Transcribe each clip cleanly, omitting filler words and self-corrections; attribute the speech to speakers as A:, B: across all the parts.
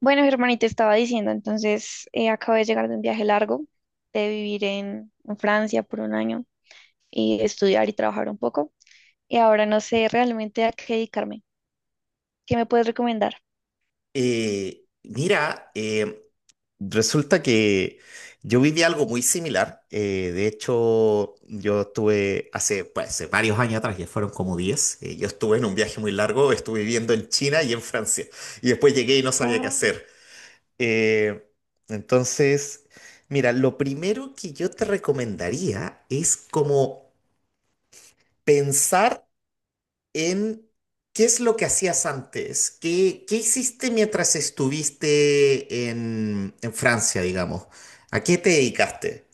A: Bueno, Germán, te estaba diciendo, entonces acabo de llegar de un viaje largo, de vivir en Francia por un año y estudiar y trabajar un poco. Y ahora no sé realmente a qué dedicarme. ¿Qué me puedes recomendar?
B: Mira, resulta que yo viví algo muy similar. De hecho, yo estuve pues, hace varios años atrás, ya fueron como 10. Yo estuve en un viaje muy largo, estuve viviendo en China y en Francia. Y después llegué y no sabía qué
A: Wow.
B: hacer. Eh, entonces, mira, lo primero que yo te recomendaría es como pensar. Em, ¿Qué es lo que hacías antes? ¿Qué hiciste mientras estuviste en Francia, digamos? ¿A qué te dedicaste?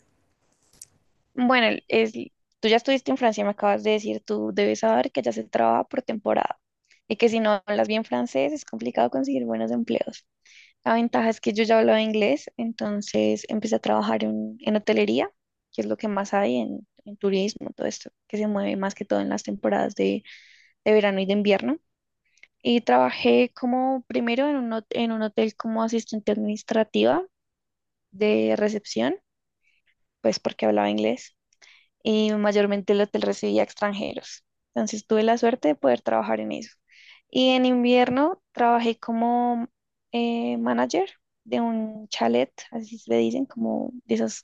A: Bueno, es, tú ya estuviste en Francia, me acabas de decir, tú debes saber que ya se trabaja por temporada y que si no hablas bien francés es complicado conseguir buenos empleos. La ventaja es que yo ya hablaba inglés, entonces empecé a trabajar en hotelería, que es lo que más hay en turismo, todo esto, que se mueve más que todo en las temporadas de verano y de invierno. Y trabajé como primero en un hotel como asistente administrativa de recepción, pues porque hablaba inglés y mayormente el hotel recibía extranjeros. Entonces tuve la suerte de poder trabajar en eso. Y en invierno trabajé como manager de un chalet, así se dicen, como de esas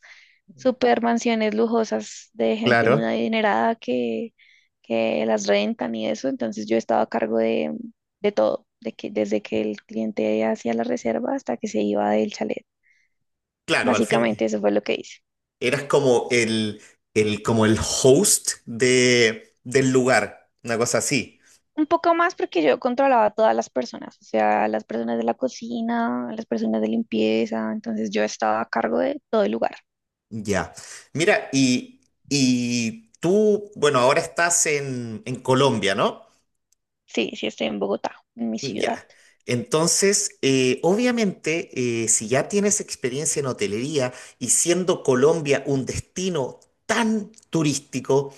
A: super mansiones lujosas de gente muy
B: Claro.
A: adinerada que las rentan y eso. Entonces yo estaba a cargo de todo, desde que el cliente hacía la reserva hasta que se iba del chalet.
B: Claro, al fin
A: Básicamente eso fue lo que hice.
B: eras como el host del lugar, una cosa así.
A: Un poco más porque yo controlaba a todas las personas, o sea, las personas de la cocina, las personas de limpieza, entonces yo estaba a cargo de todo el lugar.
B: Ya. Mira, y tú, bueno, ahora estás en Colombia, ¿no?
A: Sí, sí, estoy en Bogotá, en mi
B: Ya.
A: ciudad.
B: Entonces, obviamente, si ya tienes experiencia en hotelería y siendo Colombia un destino tan turístico,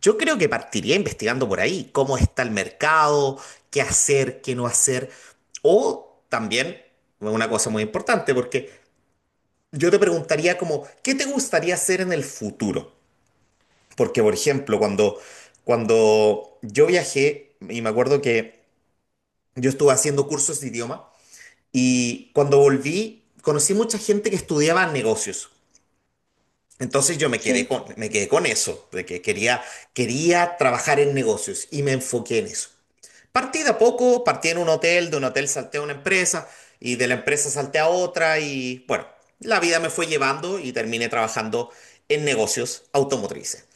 B: yo creo que partiría investigando por ahí cómo está el mercado, qué hacer, qué no hacer. O también, una cosa muy importante, porque yo te preguntaría como, ¿qué te gustaría hacer en el futuro? Porque, por ejemplo, cuando yo viajé, y me acuerdo que yo estuve haciendo cursos de idioma, y cuando volví, conocí mucha gente que estudiaba negocios. Entonces yo me quedé
A: Sí.
B: con, me quedé con eso, de que quería trabajar en negocios y me enfoqué en eso. Partí de a poco, partí en un hotel, de un hotel salté a una empresa y de la empresa salté a otra y bueno, la vida me fue llevando y terminé trabajando en negocios automotrices.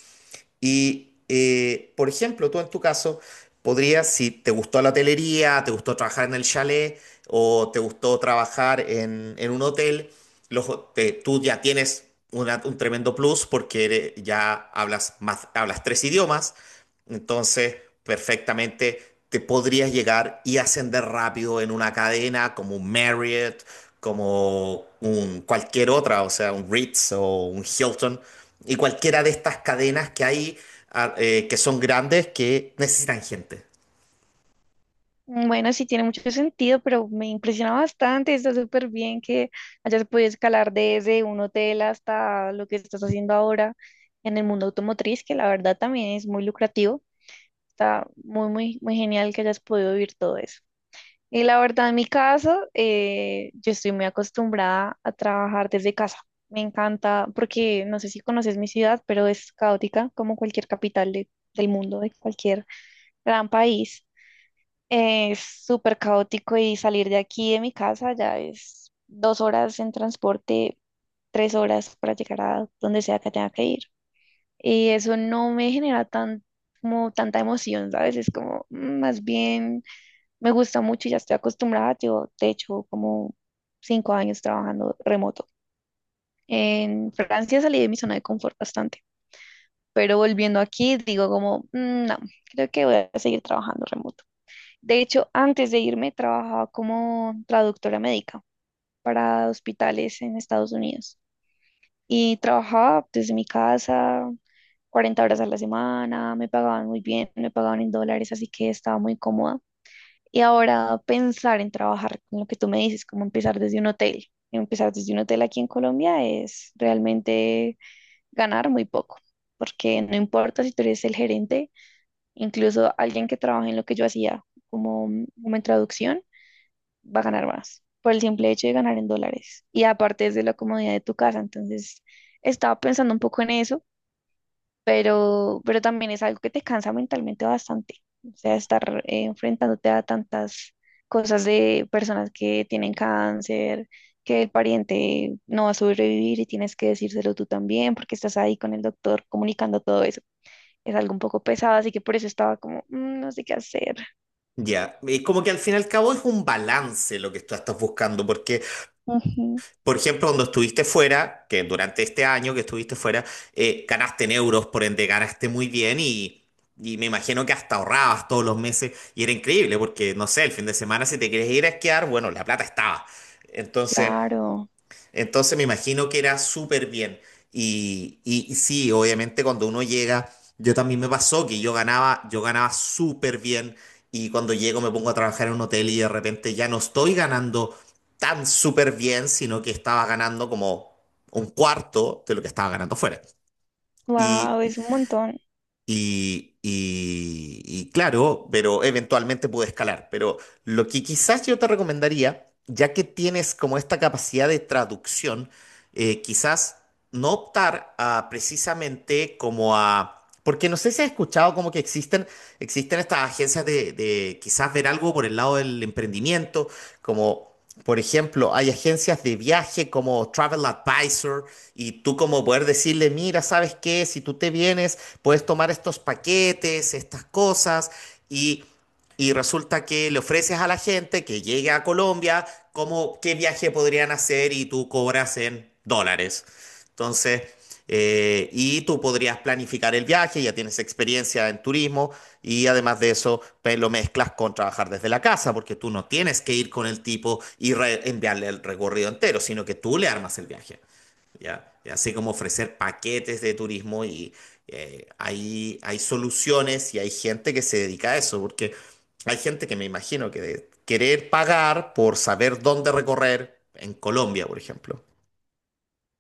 B: Y, por ejemplo, tú en tu caso, podrías, si te gustó la hotelería, te gustó trabajar en el chalet o te gustó trabajar en un hotel, tú ya tienes un tremendo plus ya hablas más, hablas tres idiomas, entonces, perfectamente te podrías llegar y ascender rápido en una cadena como un Marriott, como un cualquier otra, o sea, un Ritz o un Hilton, y cualquiera de estas cadenas que hay, que son grandes que necesitan gente.
A: Bueno, sí tiene mucho sentido, pero me impresiona bastante, está súper bien que hayas podido escalar desde un hotel hasta lo que estás haciendo ahora en el mundo automotriz, que la verdad también es muy lucrativo. Está muy, muy, muy genial que hayas podido vivir todo eso. Y la verdad, en mi caso, yo estoy muy acostumbrada a trabajar desde casa. Me encanta porque no sé si conoces mi ciudad, pero es caótica como cualquier capital del mundo, de cualquier gran país. Es súper caótico y salir de aquí, de mi casa, ya es 2 horas en transporte, 3 horas para llegar a donde sea que tenga que ir. Y eso no me genera tan, como tanta emoción, ¿sabes? Es como más bien me gusta mucho y ya estoy acostumbrada. Yo, de hecho, como 5 años trabajando remoto. En Francia salí de mi zona de confort bastante, pero volviendo aquí digo como, "Mm, no, creo que voy a seguir trabajando remoto. De hecho, antes de irme trabajaba como traductora médica para hospitales en Estados Unidos y trabajaba desde mi casa 40 horas a la semana, me pagaban muy bien, me pagaban en dólares, así que estaba muy cómoda. Y ahora pensar en trabajar con lo que tú me dices, como empezar desde un hotel. Empezar desde un hotel aquí en Colombia es realmente ganar muy poco, porque no importa si tú eres el gerente, incluso alguien que trabaja en lo que yo hacía como, como en traducción, va a ganar más por el simple hecho de ganar en dólares. Y aparte es de la comodidad de tu casa, entonces estaba pensando un poco en eso, pero también es algo que te cansa mentalmente bastante. O sea, estar enfrentándote a tantas cosas de personas que tienen cáncer, que el pariente no va a sobrevivir y tienes que decírselo tú también porque estás ahí con el doctor comunicando todo eso. Es algo un poco pesado, así que por eso estaba como, "Mm, no sé qué hacer."
B: Ya, y como que al fin y al cabo es un balance lo que tú estás buscando, porque
A: Ujú,
B: por ejemplo, cuando estuviste fuera, que durante este año que estuviste fuera, ganaste en euros, por ende ganaste muy bien y me imagino que hasta ahorrabas todos los meses y era increíble porque, no sé, el fin de semana si te querías ir a esquiar, bueno, la plata estaba. Entonces,
A: claro,
B: entonces me imagino que era súper bien. Y sí, obviamente cuando uno llega, yo también me pasó que yo ganaba súper bien y cuando llego me pongo a trabajar en un hotel y de repente ya no estoy ganando tan súper bien, sino que estaba ganando como un cuarto de lo que estaba ganando fuera.
A: wow, es un montón.
B: Y claro, pero eventualmente pude escalar. Pero lo que quizás yo te recomendaría, ya que tienes como esta capacidad de traducción, quizás no optar a precisamente como a. Porque no sé si has escuchado como que existen estas agencias de quizás ver algo por el lado del emprendimiento, como por ejemplo, hay agencias de viaje como Travel Advisor y tú como poder decirle, mira, ¿sabes qué? Si tú te vienes, puedes tomar estos paquetes, estas cosas y, y resulta que le ofreces a la gente que llegue a Colombia cómo, qué viaje podrían hacer y tú cobras en dólares. Entonces. Y tú podrías planificar el viaje, ya tienes experiencia en turismo y además de eso pues, lo mezclas con trabajar desde la casa, porque tú no tienes que ir con el tipo y enviarle el recorrido entero, sino que tú le armas el viaje, ¿ya? Y así como ofrecer paquetes de turismo y hay soluciones y hay gente que se dedica a eso, porque hay gente que me imagino que de querer pagar por saber dónde recorrer en Colombia, por ejemplo.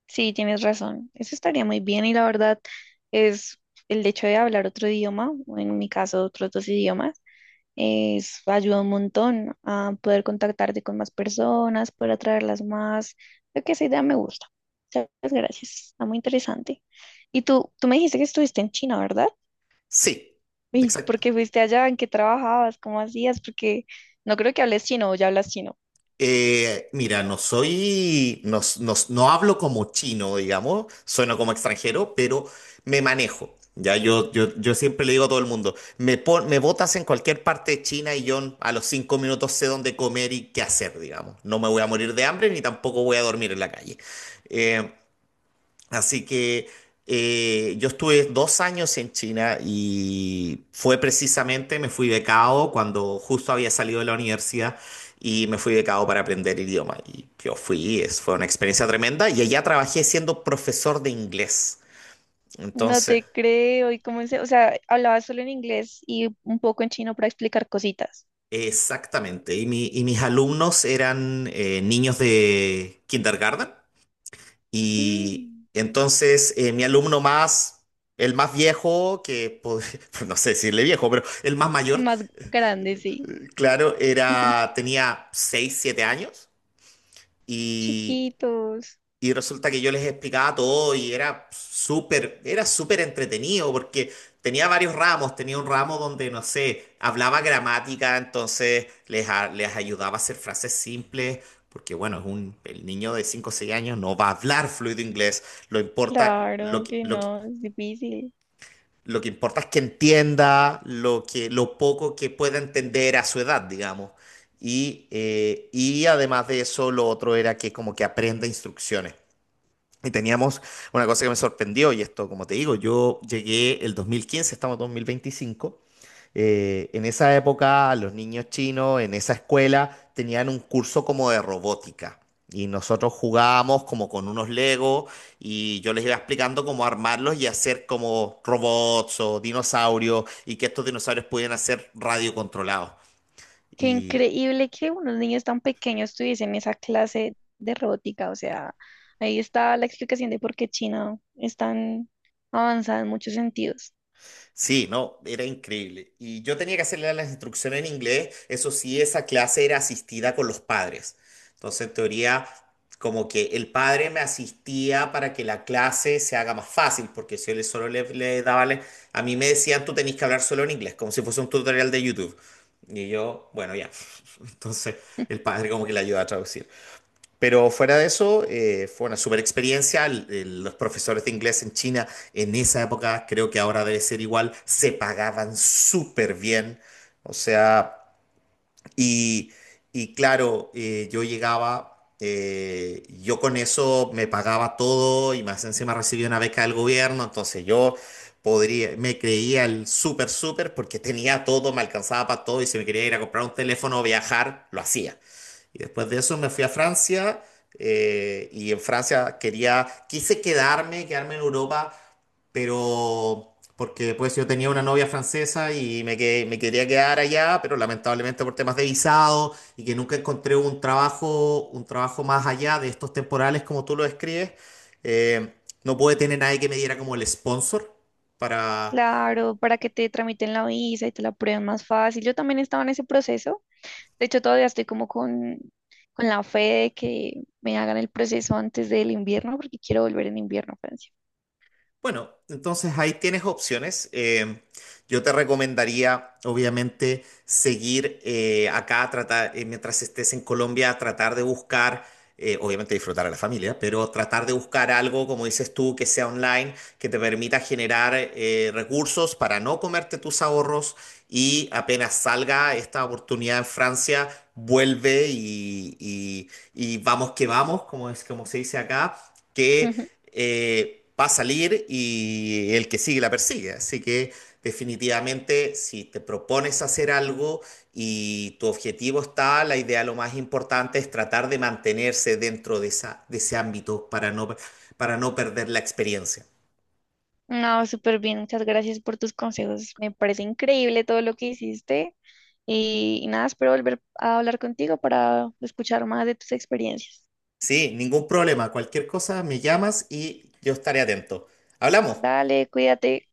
A: Sí, tienes razón. Eso estaría muy bien y la verdad es el hecho de hablar otro idioma, o en mi caso otros dos idiomas. Es, ayuda un montón a poder contactarte con más personas, poder atraerlas más. Creo que esa idea me gusta. Muchas gracias. Está muy interesante. Y tú me dijiste que estuviste en China, ¿verdad?
B: Sí,
A: ¿Y por
B: exacto.
A: qué fuiste allá? ¿En qué trabajabas? ¿Cómo hacías? Porque no creo que hables chino o ya hablas chino.
B: Mira, no soy, no, no, no hablo como chino, digamos, sueno como extranjero, pero me manejo. Ya yo siempre le digo a todo el mundo, me botas en cualquier parte de China y yo a los 5 minutos sé dónde comer y qué hacer, digamos. No me voy a morir de hambre ni tampoco voy a dormir en la calle. Eh, Así que yo estuve 2 años en China y fue precisamente, me fui becado cuando justo había salido de la universidad y me fui becado para aprender el idioma. Y fue una experiencia tremenda y allá trabajé siendo profesor de inglés.
A: No
B: Entonces,
A: te creo. ¿Y cómo se, o sea, hablabas solo en inglés y un poco en chino para explicar cositas?
B: exactamente. Y mis alumnos eran niños de kindergarten. Y
A: Mm,
B: entonces mi alumno más, el más viejo, no sé decirle viejo, pero el más mayor,
A: más grande, sí.
B: claro, era, tenía 6 7 años. Y
A: Chiquitos.
B: y resulta que yo les explicaba todo y era súper entretenido porque tenía varios ramos. Tenía un ramo donde, no sé, hablaba gramática, entonces les ayudaba a hacer frases simples. Porque bueno, el niño de 5 o 6 años no va a hablar fluido inglés. Lo importa,
A: Claro
B: lo que,
A: que
B: lo que,
A: no, es difícil.
B: lo que importa es que entienda lo que, lo poco que pueda entender a su edad, digamos. Y además de eso, lo otro era que como que aprenda instrucciones. Y teníamos una cosa que me sorprendió, y esto, como te digo, yo llegué el 2015, estamos en 2025. En esa época, los niños chinos en esa escuela tenían un curso como de robótica. Y nosotros jugábamos como con unos Legos y yo les iba explicando cómo armarlos y hacer como robots o dinosaurios y que estos dinosaurios pudieran ser radiocontrolados.
A: Qué
B: Y
A: increíble que unos niños tan pequeños tuviesen esa clase de robótica. O sea, ahí está la explicación de por qué China es tan avanzada en muchos sentidos.
B: Sí, no, era increíble. Y yo tenía que hacerle las instrucciones en inglés. Eso sí, esa clase era asistida con los padres. Entonces, en teoría, como que el padre me asistía para que la clase se haga más fácil, porque si yo solo le daba, a mí me decían, tú tenés que hablar solo en inglés, como si fuese un tutorial de YouTube. Y yo, bueno, ya. Entonces, el padre como que le ayudaba a traducir. Pero fuera de eso, fue una super experiencia. Los profesores de inglés en China en esa época, creo que ahora debe ser igual, se pagaban súper bien. O sea, y, y claro, yo llegaba, yo con eso me pagaba todo y más encima recibía una beca del gobierno, entonces yo podría, me creía el súper, súper porque tenía todo, me alcanzaba para todo y si me quería ir a comprar un teléfono o viajar, lo hacía. Y después de eso me fui a Francia y en Francia quise quedarme en Europa, pero porque pues yo tenía una novia francesa y me quería quedar allá, pero lamentablemente por temas de visado y que nunca encontré un trabajo, más allá de estos temporales como tú lo describes, eh, no pude tener nadie que me diera como el sponsor.
A: Claro, para que te tramiten la visa y te la aprueben más fácil. Yo también estaba en ese proceso. De hecho, todavía estoy como con la fe de que me hagan el proceso antes del invierno, porque quiero volver en invierno a Francia.
B: Bueno, entonces ahí tienes opciones. Yo te recomendaría, obviamente, seguir acá, tratar, mientras estés en Colombia, tratar de buscar, obviamente disfrutar a la familia, pero tratar de buscar algo, como dices tú, que sea online, que te permita generar recursos para no comerte tus ahorros y apenas salga esta oportunidad en Francia, vuelve y vamos que vamos, como es, como se dice acá. Que
A: Ujú.
B: va a salir y el que sigue la persigue. Así que definitivamente si te propones hacer algo y tu objetivo está, la idea lo más importante es tratar de mantenerse dentro de ese ámbito para no perder la experiencia.
A: No, súper bien, muchas gracias por tus consejos. Me parece increíble todo lo que hiciste y nada, espero volver a hablar contigo para escuchar más de tus experiencias.
B: Sí, ningún problema. Cualquier cosa me llamas y yo estaré atento. Hablamos.
A: Dale, cuídate.